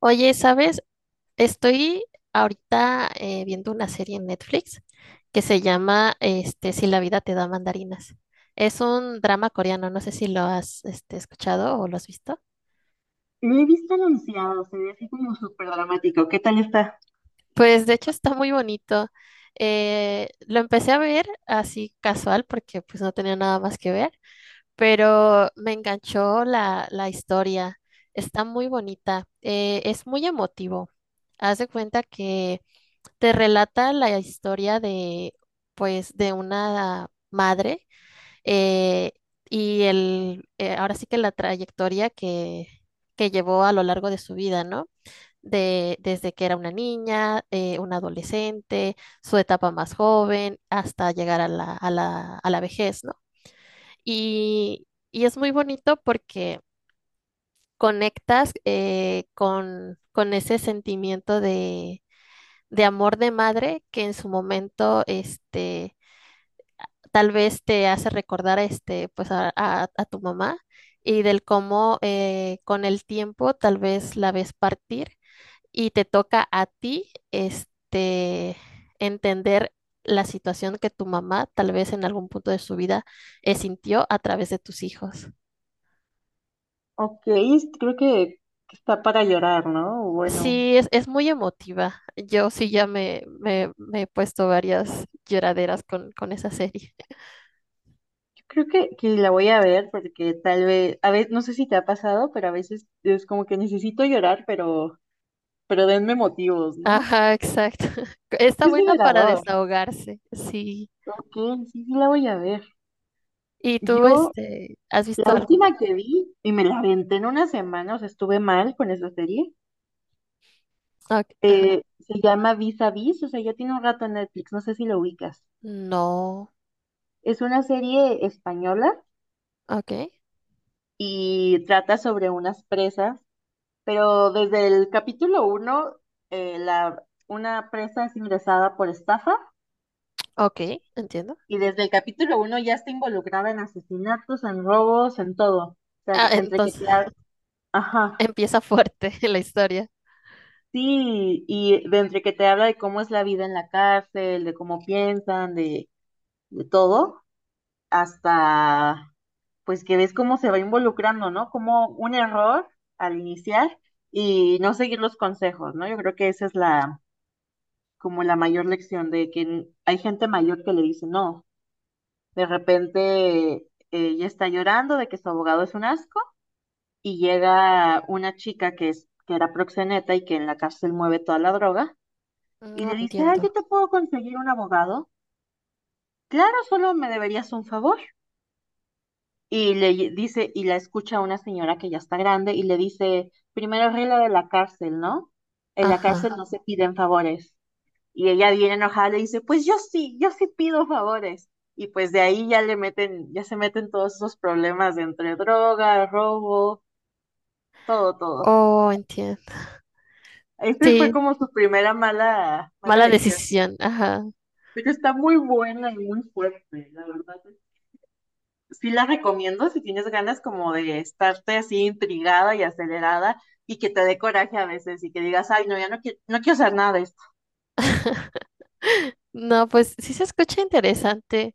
Oye, ¿sabes? Estoy ahorita viendo una serie en Netflix que se llama Si la vida te da mandarinas. Es un drama coreano, no sé si lo has escuchado o lo has visto. Lo he visto anunciado, se ve así como súper dramático. ¿Qué tal está? Pues de hecho está muy bonito. Lo empecé a ver así casual porque pues no tenía nada más que ver, pero me enganchó la historia. Está muy bonita. Es muy emotivo. Haz de cuenta que te relata la historia de, pues, de una madre eh, y ahora sí que la trayectoria que llevó a lo largo de su vida, ¿no? Desde que era una niña, una adolescente, su etapa más joven, hasta llegar a a la vejez, ¿no? Y es muy bonito porque conectas con ese sentimiento de amor de madre que en su momento, tal vez te hace recordar, pues a tu mamá y del cómo con el tiempo tal vez la ves partir y te toca a ti, entender la situación que tu mamá tal vez en algún punto de su vida sintió a través de tus hijos. Ok, creo que está para llorar, ¿no? Bueno, Sí, es muy emotiva. Yo sí ya me he puesto varias lloraderas con esa serie. yo creo que la voy a ver porque tal vez, a veces, no sé si te ha pasado, pero a veces es como que necesito llorar, pero denme motivos, ¿no? Ajá, exacto. Está Es buena para liberador. desahogarse, sí. Ok, sí, sí la voy a ver. ¿Y tú, Yo, este, has visto la alguna? última que vi, y me la aventé en una semana, o sea, estuve mal con esa serie, Ok, ajá. Se llama Vis a Vis, o sea, ya tiene un rato en Netflix, no sé si lo ubicas. No, Es una serie española ok, y trata sobre unas presas, pero desde el capítulo 1, una presa es ingresada por estafa ok, entiendo. y desde el capítulo 1 ya está involucrada en asesinatos, en robos, en todo. O sea, Ah, entre que entonces te ha- Ajá, empieza fuerte la historia. sí, y de entre que te habla de cómo es la vida en la cárcel, de cómo piensan, de todo, hasta pues que ves cómo se va involucrando, ¿no? Como un error al iniciar y no seguir los consejos, ¿no? Yo creo que esa es la, como la mayor lección de que hay gente mayor que le dice, no, de repente ella está llorando de que su abogado es un asco y llega una chica que era proxeneta y que en la cárcel mueve toda la droga y No le dice, ah, entiendo. yo te puedo conseguir un abogado. Claro, solo me deberías un favor. Y le dice, y la escucha una señora que ya está grande y le dice, primera regla de la cárcel, ¿no? En la Ajá. cárcel no se piden favores. Y ella bien enojada le dice, pues yo sí, yo sí pido favores. Y pues de ahí ya se meten todos esos problemas de entre droga, robo, todo, todo. Oh, entiendo. Este fue Sí, como su primera mala, mala mala lección. decisión. Ajá. Pero está muy buena y muy fuerte, la verdad. Sí la recomiendo si tienes ganas como de estarte así intrigada y acelerada y que te dé coraje a veces y que digas, ay, no, ya no quiero, no quiero hacer nada de esto. No, pues sí se escucha interesante.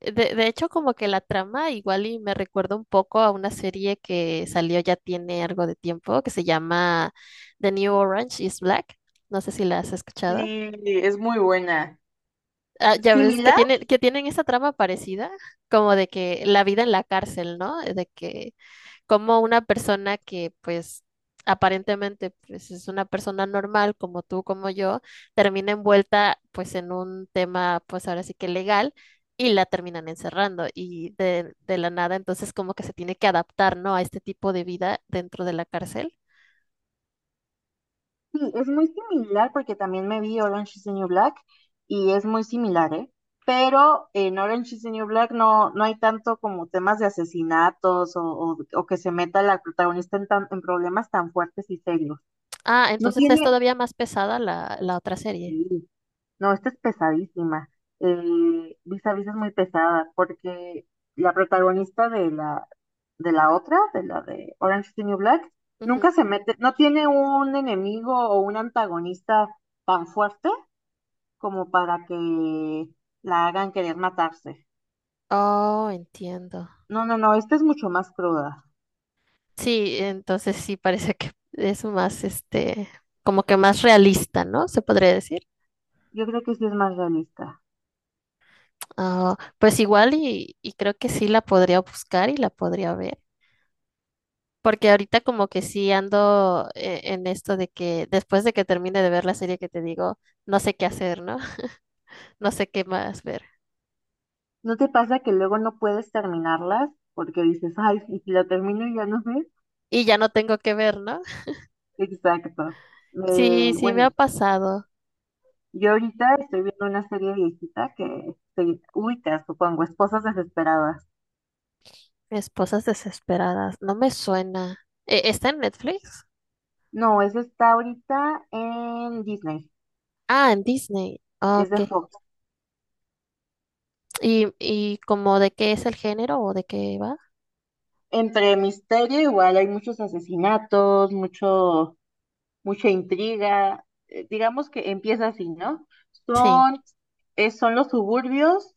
De hecho, como que la trama igual y me recuerda un poco a una serie que salió ya tiene algo de tiempo, que se llama The New Orange is Black. No sé si la has escuchado. Sí, es muy buena. Ah, ya ves que Similar, que tienen esa trama parecida, como de que la vida en la cárcel, ¿no? De que como una persona que pues aparentemente pues, es una persona normal como tú, como yo, termina envuelta pues en un tema pues ahora sí que legal y la terminan encerrando y de la nada entonces como que se tiene que adaptar, ¿no? A este tipo de vida dentro de la cárcel. sí, es muy similar porque también me vi Orange is the New Black y es muy similar, ¿eh? Pero en Orange is the New Black no, no hay tanto como temas de asesinatos o que se meta la protagonista en, tan- en problemas tan fuertes y serios. Ah, No entonces es tiene, todavía más pesada la otra serie. sí, no, esta es pesadísima. Vis a Vis es muy pesada porque la protagonista de la, otra, de la de Orange is the New Black, Ujú. nunca se mete, no tiene un enemigo o un antagonista tan fuerte como para que la hagan querer matarse. Oh, entiendo. No, no, no, esta es mucho más cruda. Sí, entonces sí parece que es más, como que más realista, ¿no? Se podría decir. Yo creo que sí es más realista. Ah, pues igual y creo que sí la podría buscar y la podría ver, porque ahorita como que sí ando en esto de que después de que termine de ver la serie que te digo, no sé qué hacer, ¿no? No sé qué más ver. ¿No te pasa que luego no puedes terminarlas porque dices, ay, y si la termino y ya no sé? Y ya no tengo que ver, ¿no? Exacto. Sí, sí me Bueno, ha pasado. yo ahorita estoy viendo una serie viejita que se ubica, supongo, Esposas Desesperadas. Esposas desesperadas, no me suena. ¿Está en Netflix? No, esa está ahorita en Disney, Ah, en Disney. Ah, es ok. de Fox. Y como de qué es el género o de qué va? Entre misterio, igual hay muchos asesinatos, mucha intriga. Digamos que empieza así, ¿no? Sí, Son, son los suburbios.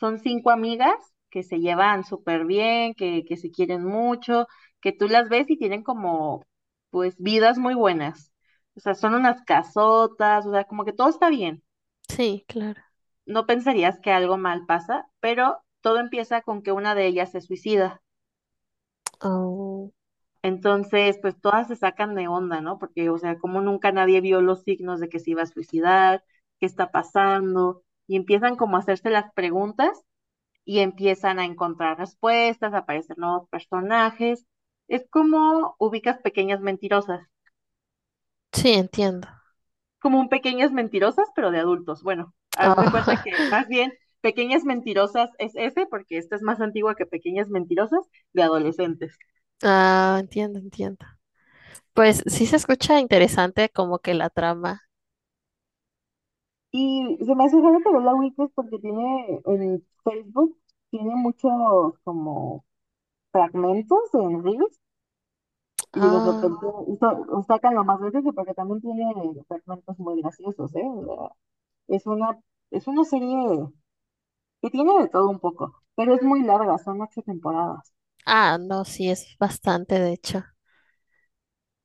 Son cinco amigas que se llevan súper bien, que se quieren mucho, que tú las ves y tienen como, pues, vidas muy buenas. O sea, son unas casotas, o sea, como que todo está bien. sí, claro. No pensarías que algo mal pasa, pero todo empieza con que una de ellas se suicida. Oh, Entonces, pues todas se sacan de onda, ¿no? Porque, o sea, como nunca nadie vio los signos de que se iba a suicidar, qué está pasando, y empiezan como a hacerse las preguntas y empiezan a encontrar respuestas, aparecen nuevos personajes. Es como ubicas pequeñas mentirosas, sí, entiendo. como un pequeñas mentirosas, pero de adultos. Bueno, haz de cuenta Oh, que más bien pequeñas mentirosas es ese, porque esta es más antigua que pequeñas mentirosas de adolescentes. ah, entiendo, entiendo. Pues sí se escucha interesante como que la trama. Y se me hace raro que la Wiki es porque tiene en Facebook, tiene muchos como fragmentos en Reels y de Ah, repente sa- sacan lo más veces porque también tiene fragmentos muy graciosos, ¿eh? Es una, es una serie que tiene de todo un poco, pero es muy larga, son ocho temporadas. ah, no, sí es bastante, de hecho.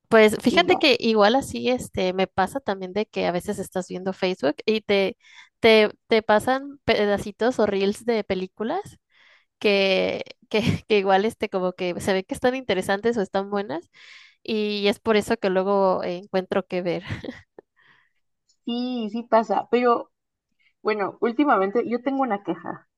Pues Y fíjate ya, que igual así este me pasa también de que a veces estás viendo Facebook y te pasan pedacitos o reels de películas que, que, que igual este como que se ve que están interesantes o están buenas y es por eso que luego encuentro que ver. sí, sí pasa. Pero bueno, últimamente yo tengo una queja.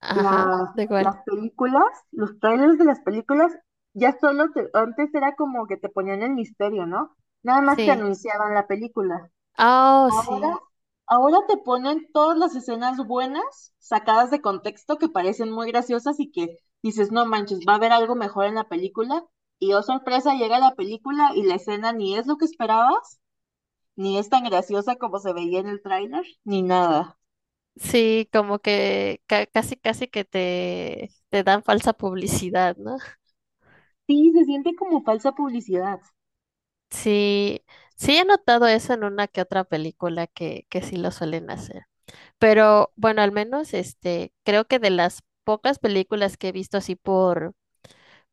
Ajá, Las, de igual. las películas, los trailers de las películas, ya solo antes era como que te ponían el misterio, ¿no? Nada más te Sí. anunciaban la película. Oh, Ahora, sí. ahora te ponen todas las escenas buenas, sacadas de contexto, que parecen muy graciosas y que dices, no manches, va a haber algo mejor en la película. Y oh sorpresa, llega la película y la escena ni es lo que esperabas, ni es tan graciosa como se veía en el tráiler, ni nada. Sí, como que casi que te dan falsa publicidad, ¿no? Sí, se siente como falsa publicidad. Sí, sí he notado eso en una que otra película que sí lo suelen hacer. Pero bueno, al menos este, creo que de las pocas películas que he visto así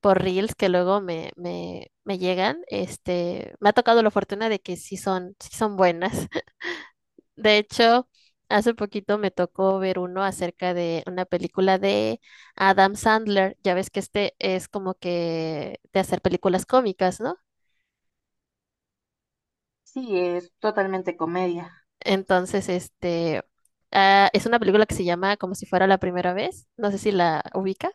por Reels que luego me llegan, este, me ha tocado la fortuna de que sí son buenas. De hecho, hace poquito me tocó ver uno acerca de una película de Adam Sandler. Ya ves que este es como que de hacer películas cómicas, ¿no? Sí, es totalmente comedia Entonces, este, ah, es una película que se llama Como si fuera la primera vez. No sé si la ubicas.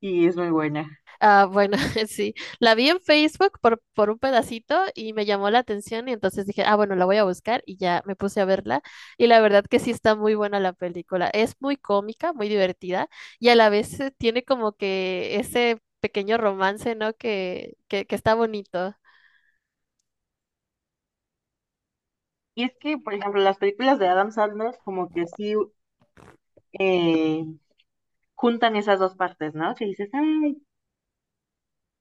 y es muy buena. Ah, bueno, sí. La vi en Facebook por un pedacito y me llamó la atención y entonces dije, ah, bueno, la voy a buscar y ya me puse a verla. Y la verdad que sí está muy buena la película. Es muy cómica, muy divertida y a la vez tiene como que ese pequeño romance, ¿no? Que está bonito. Y es que, por ejemplo, las películas de Adam Sandler como que sí eh, juntan esas dos partes, ¿no? Que dices, ay,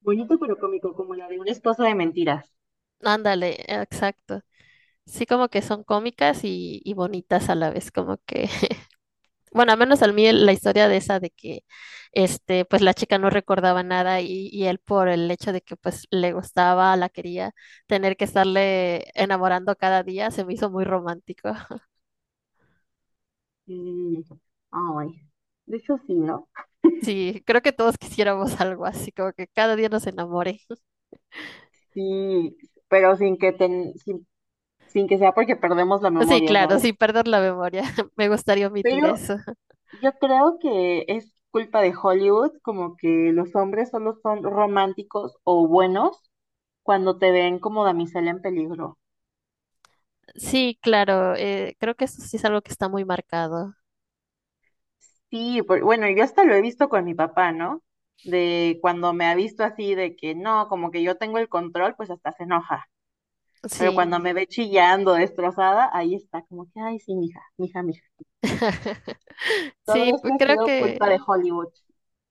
bonito pero cómico, como la de una esposa de mentiras. Ándale, exacto. Sí, como que son cómicas y bonitas a la vez, como que bueno, al menos al mí la historia de esa de que este, pues la chica no recordaba nada y, y él por el hecho de que pues le gustaba, la quería, tener que estarle enamorando cada día, se me hizo muy romántico. Mm, ay, de hecho sí, ¿no? Sí, creo que todos quisiéramos algo así, como que cada día nos enamore. Sí, pero sin que sea porque perdemos la Sí, memoria, claro, ¿sabes? sin perder la memoria. Me gustaría omitir Pero eso. yo creo que es culpa de Hollywood, como que los hombres solo son románticos o buenos cuando te ven como damisela en peligro. Sí, claro, creo que eso sí es algo que está muy marcado. Sí, bueno, yo hasta lo he visto con mi papá, ¿no? De cuando me ha visto así, de que no, como que yo tengo el control, pues hasta se enoja. Pero cuando Sí. me ve chillando, destrozada, ahí está, como que, ay, sí, mija, mija, mija. Todo Sí, esto pues ha creo sido culpa que de Hollywood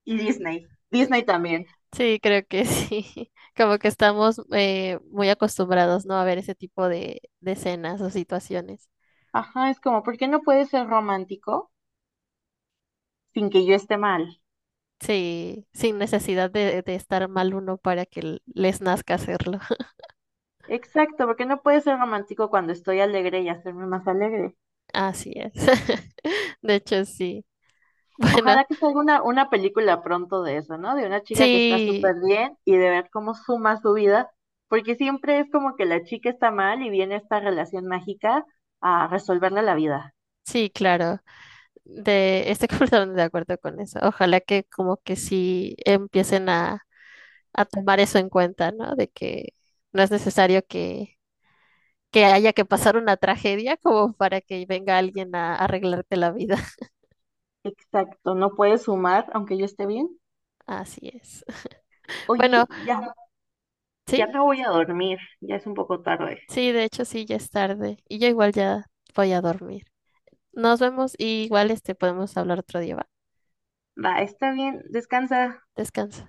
y Disney. Disney también. sí, creo que sí. Como que estamos muy acostumbrados, ¿no? A ver ese tipo de escenas o situaciones. Ajá, es como, ¿por qué no puede ser romántico sin que yo esté mal? Sí, sin necesidad de estar mal uno para que les nazca hacerlo. Exacto, ¿por qué no puede ser romántico cuando estoy alegre y hacerme más alegre? Así es. De hecho, sí. Bueno, Ojalá que salga una película pronto de eso, ¿no? De una chica que está sí, súper bien y de ver cómo suma su vida, porque siempre es como que la chica está mal y viene esta relación mágica a resolverle la vida. sí, claro. De, estoy completamente de acuerdo con eso. Ojalá que como que sí empiecen a tomar eso en cuenta, ¿no? De que no es necesario que haya que pasar una tragedia como para que venga alguien a arreglarte la vida. Exacto, no puedes sumar aunque yo esté bien. Así es. Oye, Bueno, ya, sí, ya me voy a dormir, ya es un poco tarde. sí, de hecho sí, ya es tarde y yo igual ya voy a dormir. Nos vemos y igual este podemos hablar otro día, ¿va? Va, está bien, descansa. Descansa.